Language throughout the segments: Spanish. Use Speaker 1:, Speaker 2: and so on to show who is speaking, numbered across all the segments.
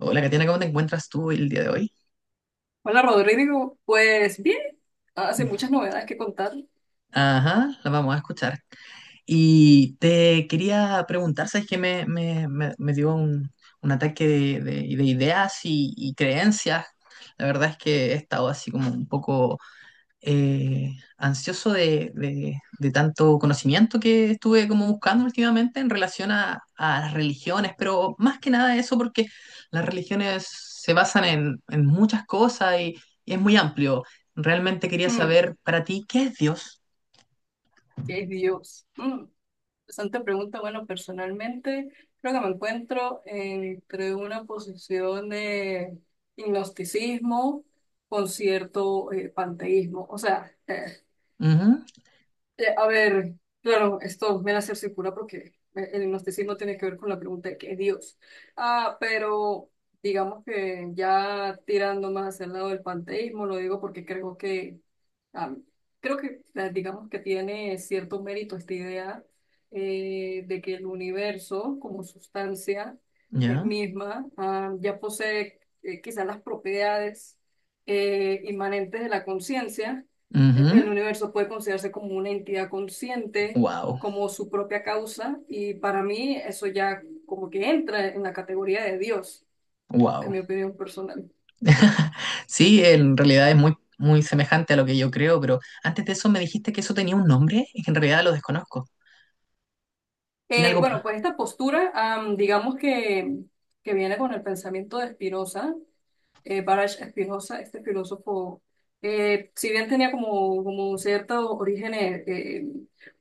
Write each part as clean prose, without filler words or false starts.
Speaker 1: Hola, Katiana, ¿cómo te encuentras tú el día de hoy?
Speaker 2: Hola Rodrigo, pues bien, hace muchas novedades que contar.
Speaker 1: Ajá, la vamos a escuchar. Y te quería preguntar, ¿sabes qué? Me dio un ataque de ideas y creencias. La verdad es que he estado así como un poco ansioso de tanto conocimiento que estuve como buscando últimamente en relación a las religiones, pero más que nada eso porque las religiones se basan en muchas cosas y es muy amplio. Realmente quería
Speaker 2: Mm,
Speaker 1: saber para ti, ¿qué es Dios?
Speaker 2: ¿Qué es Dios? Interesante pregunta. Bueno, personalmente creo que me encuentro entre una posición de gnosticismo con cierto panteísmo. O sea,
Speaker 1: Ujú.
Speaker 2: A ver, claro, esto me la cerciocura porque el gnosticismo tiene que ver con la pregunta de qué es Dios. Ah, pero digamos que ya tirando más hacia el lado del panteísmo, lo digo porque ah, creo que digamos que tiene cierto mérito esta idea de que el universo como sustancia
Speaker 1: Ya.
Speaker 2: misma ya posee quizás las propiedades inmanentes de la conciencia.
Speaker 1: Ujú.
Speaker 2: El universo puede considerarse como una entidad consciente,
Speaker 1: Wow.
Speaker 2: como su propia causa, y para mí eso ya como que entra en la categoría de Dios, en
Speaker 1: Wow.
Speaker 2: mi opinión personal.
Speaker 1: Sí, en realidad es muy semejante a lo que yo creo, pero antes de eso me dijiste que eso tenía un nombre y que en realidad lo desconozco. ¿Tiene algo?
Speaker 2: Bueno, pues esta postura, digamos que viene con el pensamiento de Spinoza, Baruch Spinoza, este filósofo, si bien tenía como ciertos orígenes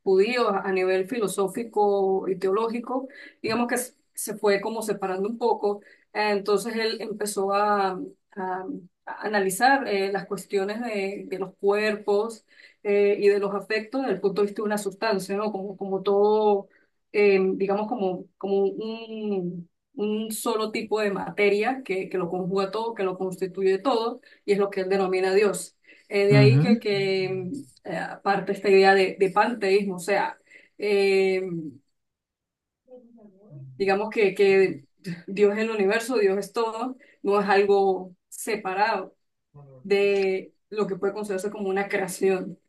Speaker 2: judíos a nivel filosófico y teológico, digamos que se fue como separando un poco. Entonces él empezó a- a analizar las cuestiones de los cuerpos y de los afectos desde el punto de vista de una sustancia, ¿no? Como, como todo, digamos, como, como un solo tipo de materia que lo conjuga todo, que lo constituye todo, y es lo que él denomina Dios. De ahí
Speaker 1: Ujú.
Speaker 2: que aparte esta idea de panteísmo, o sea, eh, digamos que Dios es el universo, Dios es todo, no es algo separado de lo que puede considerarse como una creación.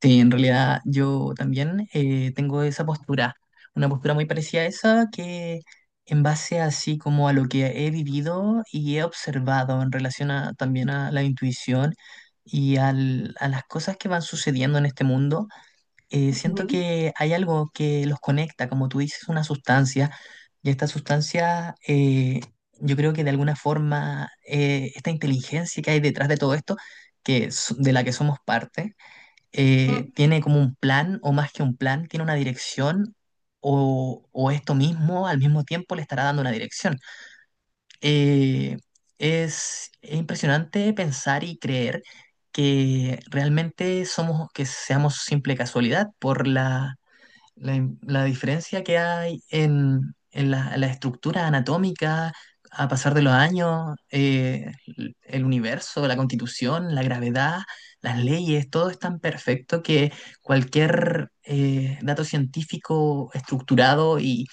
Speaker 1: Sí, en realidad yo también tengo esa postura, una postura muy parecida a esa que en base así como a lo que he vivido y he observado en relación a, también a la intuición y a las cosas que van sucediendo en este mundo. Siento
Speaker 2: Ujú.
Speaker 1: que hay algo que los conecta, como tú dices, una sustancia, y esta sustancia, yo creo que de alguna forma, esta inteligencia que hay detrás de todo esto, de la que somos parte,
Speaker 2: Mm,
Speaker 1: tiene como un plan, o más que un plan, tiene una dirección, o esto mismo al mismo tiempo le estará dando una dirección. Eh, es impresionante pensar y creer que realmente somos, que seamos simple casualidad por la diferencia que hay en la estructura anatómica a pasar de los años, el universo, la constitución, la gravedad, las leyes, todo es tan perfecto que cualquier dato científico estructurado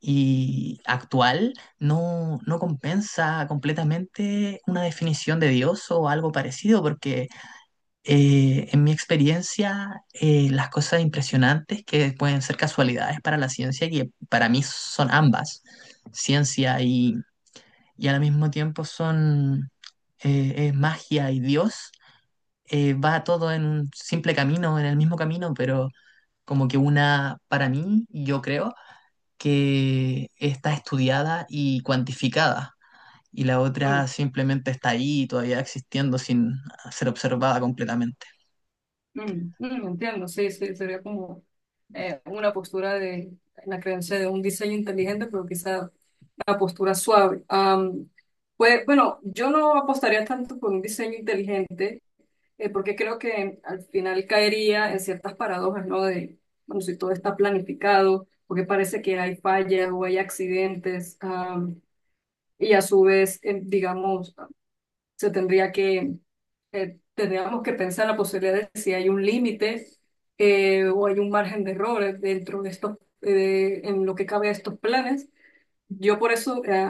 Speaker 1: y actual no compensa completamente una definición de Dios o algo parecido, porque en mi experiencia, las cosas impresionantes que pueden ser casualidades para la ciencia, que para mí son ambas, ciencia y al mismo tiempo son es magia y Dios, va todo en un simple camino, en el mismo camino, pero como que una, para mí, yo creo que está estudiada y cuantificada. Y la
Speaker 2: mm,
Speaker 1: otra simplemente está ahí, todavía existiendo sin ser observada completamente.
Speaker 2: entiendo, sí, sí, sería como una postura de la creencia de un diseño inteligente, pero quizá la postura suave. Pues bueno, yo no apostaría tanto por un diseño inteligente, porque creo que al final caería en ciertas paradojas, ¿no? De, bueno, si todo está planificado, porque parece que hay fallas o hay accidentes, y a su vez, digamos, se tendría que, tendríamos que pensar la posibilidad de si hay un límite o hay un margen de errores dentro de estos, en lo que cabe a estos planes. Yo por eso,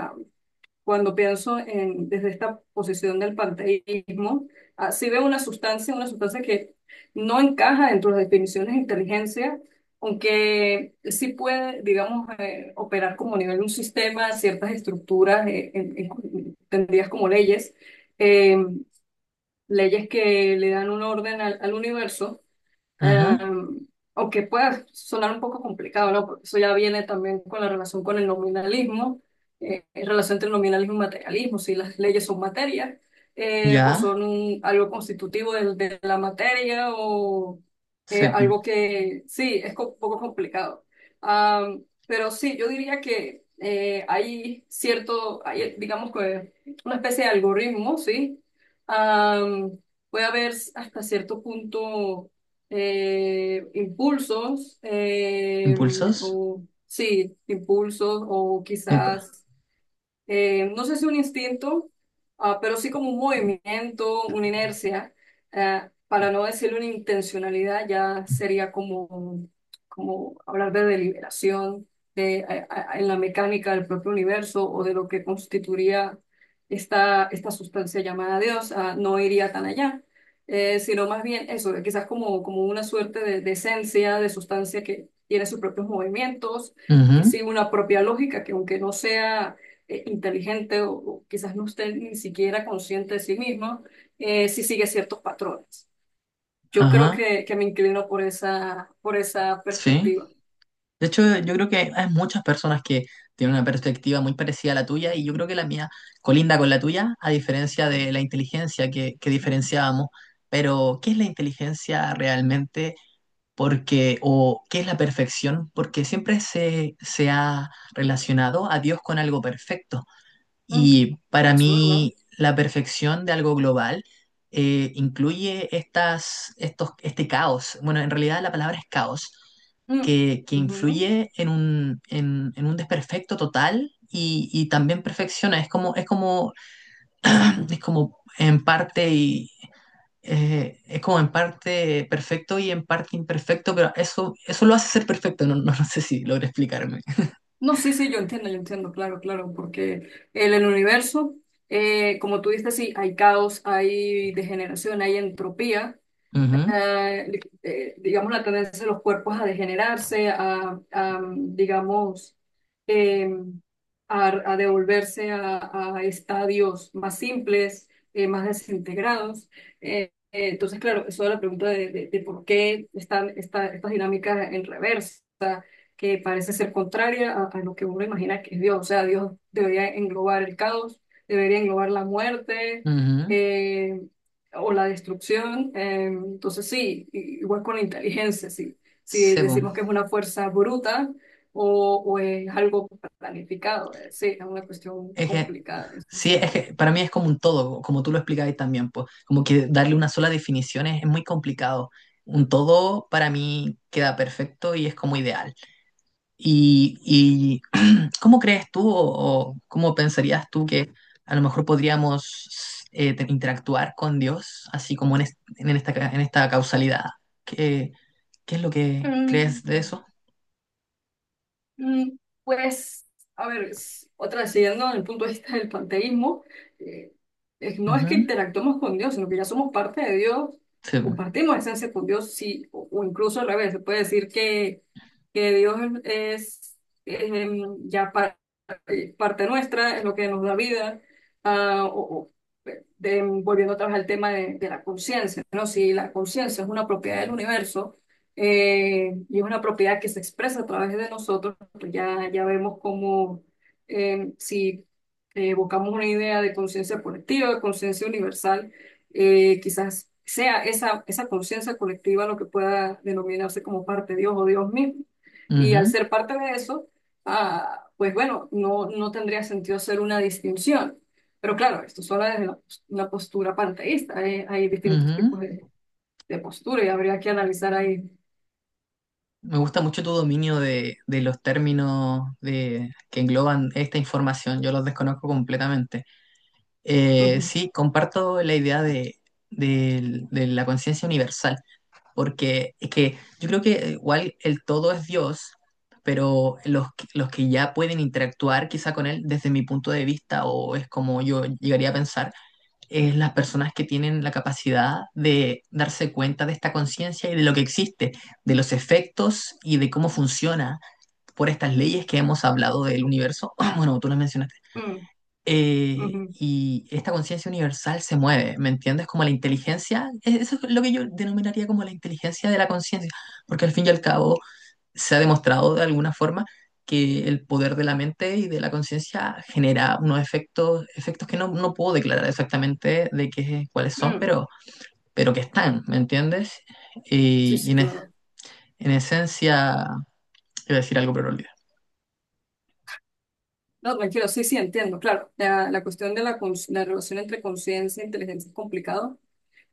Speaker 2: cuando pienso en, desde esta posición del panteísmo, sí veo una sustancia que no encaja dentro de las definiciones de inteligencia, aunque sí puede, digamos, operar como a nivel de un sistema, ciertas estructuras entendidas como leyes, eh, leyes que le dan un orden al universo.
Speaker 1: Ajá,
Speaker 2: Em, aunque pueda sonar un poco complicado, ¿no? Porque eso ya viene también con la relación con el nominalismo, relación entre nominalismo y materialismo, si las leyes son materia, o
Speaker 1: ya.
Speaker 2: son algo constitutivo de la materia, o
Speaker 1: Sí, po.
Speaker 2: algo que sí, es un poco complicado. Pero sí, yo diría que hay cierto, hay, digamos que una especie de algoritmo, ¿sí? Am, puede haber hasta cierto punto impulsos,
Speaker 1: Impulsos.
Speaker 2: o sí, impulsos, o
Speaker 1: Epa.
Speaker 2: quizás no sé si un instinto, pero sí como un movimiento, una inercia, eh, para no decir una intencionalidad, ya sería como, como hablar de deliberación de, en la mecánica del propio universo o de lo que constituiría esta, esta sustancia llamada Dios, no iría tan allá. Sino más bien eso, de quizás como, como una suerte de esencia, de sustancia que tiene sus propios movimientos, que
Speaker 1: Ujú.
Speaker 2: sigue una propia lógica, que aunque no sea inteligente o quizás no esté ni siquiera consciente de sí mismo, si sigue ciertos patrones. Yo creo
Speaker 1: Ajá,
Speaker 2: que me inclino por esa
Speaker 1: sí.
Speaker 2: perspectiva.
Speaker 1: De hecho, yo creo que hay muchas personas que tienen una perspectiva muy parecida a la tuya y yo creo que la mía colinda con la tuya, a diferencia de la inteligencia que diferenciábamos. Pero, ¿qué es la inteligencia realmente? Porque, o ¿qué es la perfección? Porque siempre se ha relacionado a Dios con algo perfecto.
Speaker 2: Mm,
Speaker 1: Y para
Speaker 2: eso es verdad.
Speaker 1: mí, la perfección de algo global incluye este caos. Bueno, en realidad la palabra es caos,
Speaker 2: Mm,
Speaker 1: que
Speaker 2: ujú.
Speaker 1: influye en en un desperfecto total y también perfecciona. Es como, es como en parte es como en parte perfecto y en parte imperfecto, pero eso lo hace ser perfecto. No sé si logré explicarme.
Speaker 2: No, sí, sí, yo entiendo, claro, claro, porque el universo, como tú dices, sí, hay caos, hay degeneración, hay entropía,
Speaker 1: Ujú,
Speaker 2: eh, digamos, la tendencia de los cuerpos a degenerarse, a, digamos, eh, a devolverse a estadios más simples, más desintegrados. Entonces, claro, eso es la pregunta de por qué están estas dinámicas en reversa, que parece ser contraria a lo que uno imagina que es Dios. O sea, Dios debería englobar el caos, debería englobar la muerte
Speaker 1: ujú.
Speaker 2: eh, o la destrucción. Entonces sí, igual con la inteligencia, sí. Si
Speaker 1: Sebo.
Speaker 2: decimos que es una fuerza bruta o es algo planificado, sí, es una cuestión
Speaker 1: Es que,
Speaker 2: complicada en ese
Speaker 1: sí, es
Speaker 2: sentido.
Speaker 1: que para mí es como un todo, como tú lo explicabas también, pues, como que darle una sola definición es muy complicado. Un todo para mí queda perfecto y es como ideal. Y cómo crees tú o cómo pensarías tú que a lo mejor podríamos interactuar con Dios, así como en esta, en esta causalidad? ¿Qué, qué es lo que crees de eso?
Speaker 2: Pues, a ver, otra siguiendo desde el punto de vista del panteísmo, eh, no es que
Speaker 1: Ujú,
Speaker 2: interactuemos con Dios, sino que ya somos parte de Dios,
Speaker 1: sí,
Speaker 2: compartimos esencia con Dios, sí, o incluso al revés, se puede decir que Dios es, es parte nuestra, es lo que nos da vida. Ah, o, volviendo otra vez al tema de la conciencia, ¿no? Si la conciencia es una propiedad del universo y es una propiedad que se expresa a través de nosotros, pues ya, ya vemos cómo si buscamos una idea de conciencia colectiva, de conciencia universal, quizás sea esa, esa conciencia colectiva lo que pueda denominarse como parte de Dios o Dios mismo. Y al
Speaker 1: ujú,
Speaker 2: ser parte de eso, pues bueno, no, no tendría sentido hacer una distinción. Pero claro, esto solo desde la una postura panteísta. Hay distintos
Speaker 1: ujú.
Speaker 2: tipos de postura y habría que analizar ahí.
Speaker 1: Me gusta mucho tu dominio de los términos de, que engloban esta información. Yo los desconozco completamente.
Speaker 2: Ujú,
Speaker 1: Sí, comparto la idea de, de la conciencia universal, porque es que yo creo que igual el todo es Dios, pero los que ya pueden interactuar quizá con él, desde mi punto de vista, o es como yo llegaría a pensar es las personas que tienen la capacidad de darse cuenta de esta conciencia y de lo que existe, de los efectos y de cómo funciona por estas leyes que hemos hablado del universo. Bueno, tú las mencionaste.
Speaker 2: mm, ujú,
Speaker 1: Y esta conciencia universal se mueve, ¿me entiendes? Como la inteligencia, eso es lo que yo denominaría como la inteligencia de la conciencia, porque al fin y al cabo se ha demostrado de alguna forma que el poder de la mente y de la conciencia genera unos efectos, efectos que no puedo declarar exactamente de qué, cuáles son,
Speaker 2: mm.
Speaker 1: pero que están, ¿me entiendes?
Speaker 2: Sí,
Speaker 1: Y, y
Speaker 2: sí,
Speaker 1: en, es-
Speaker 2: claro.
Speaker 1: en esencia, iba a decir algo, pero lo olvidé.
Speaker 2: No, tranquilo, sí, sí, entiendo. Claro, la cuestión de la, la relación entre conciencia e inteligencia es complicado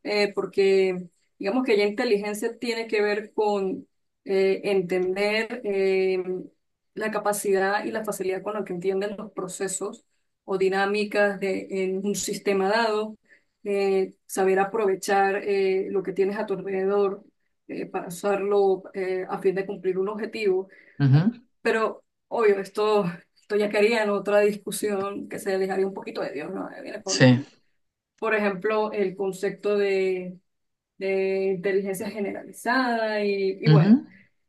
Speaker 2: porque digamos que ya inteligencia tiene que ver con entender la capacidad y la facilidad con la que entienden los procesos o dinámicas de, en un sistema dado, saber aprovechar lo que tienes a tu alrededor para usarlo a fin de cumplir un objetivo.
Speaker 1: Ujú.
Speaker 2: Pero, obvio, esto ya quería en otra discusión que se alejaría un poquito de Dios, ¿no? Viene con,
Speaker 1: Sí.
Speaker 2: por ejemplo, el concepto de inteligencia generalizada y bueno,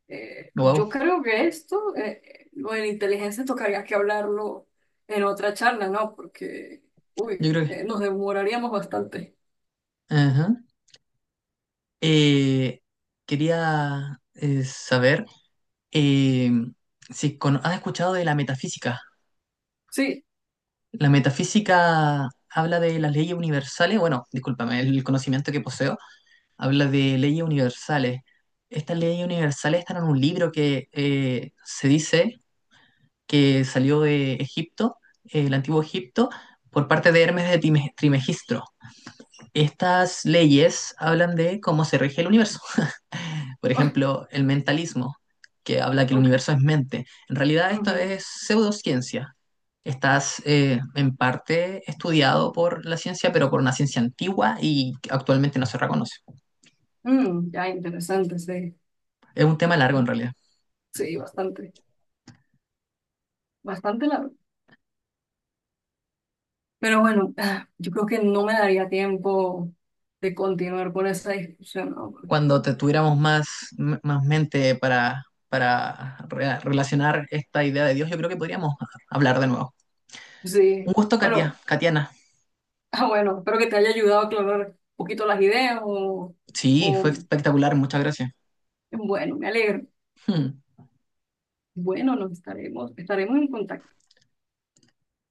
Speaker 1: Wow.
Speaker 2: yo creo que esto, lo de la inteligencia tocaría que hablarlo en otra charla, ¿no? Porque,
Speaker 1: Yo
Speaker 2: uy,
Speaker 1: creo que...
Speaker 2: nos demoraríamos bastante.
Speaker 1: ajá. Eh, quería saber eh, si has escuchado de la metafísica.
Speaker 2: Sí,
Speaker 1: La metafísica habla de las leyes universales, bueno, discúlpame, el conocimiento que poseo habla de leyes universales. Estas leyes universales están en un libro que se dice que salió de Egipto, el antiguo Egipto, por parte de Hermes de Trimegistro. Estas leyes hablan de cómo se rige el universo. Por
Speaker 2: ah,
Speaker 1: ejemplo, el mentalismo, que habla que el
Speaker 2: ok.
Speaker 1: universo es mente. En realidad esto
Speaker 2: Ujú.
Speaker 1: es pseudociencia. Estás en parte estudiado por la ciencia, pero por una ciencia antigua y que actualmente no se reconoce.
Speaker 2: Mm, ya, interesante, sí,
Speaker 1: Es un tema largo en realidad.
Speaker 2: sí, bastante, bastante largo. Pero bueno, yo creo que no me daría tiempo de continuar con esa discusión, ¿no? Porque,
Speaker 1: Cuando te tuviéramos más, más mente para relacionar esta idea de Dios, yo creo que podríamos hablar de nuevo. Un
Speaker 2: sí,
Speaker 1: gusto, Katia,
Speaker 2: bueno.
Speaker 1: Katiana.
Speaker 2: Ah, bueno, espero que te haya ayudado a aclarar un poquito las ideas
Speaker 1: Sí, fue
Speaker 2: o
Speaker 1: espectacular, muchas gracias.
Speaker 2: bueno, me alegro. Bueno, nos estaremos, estaremos en contacto.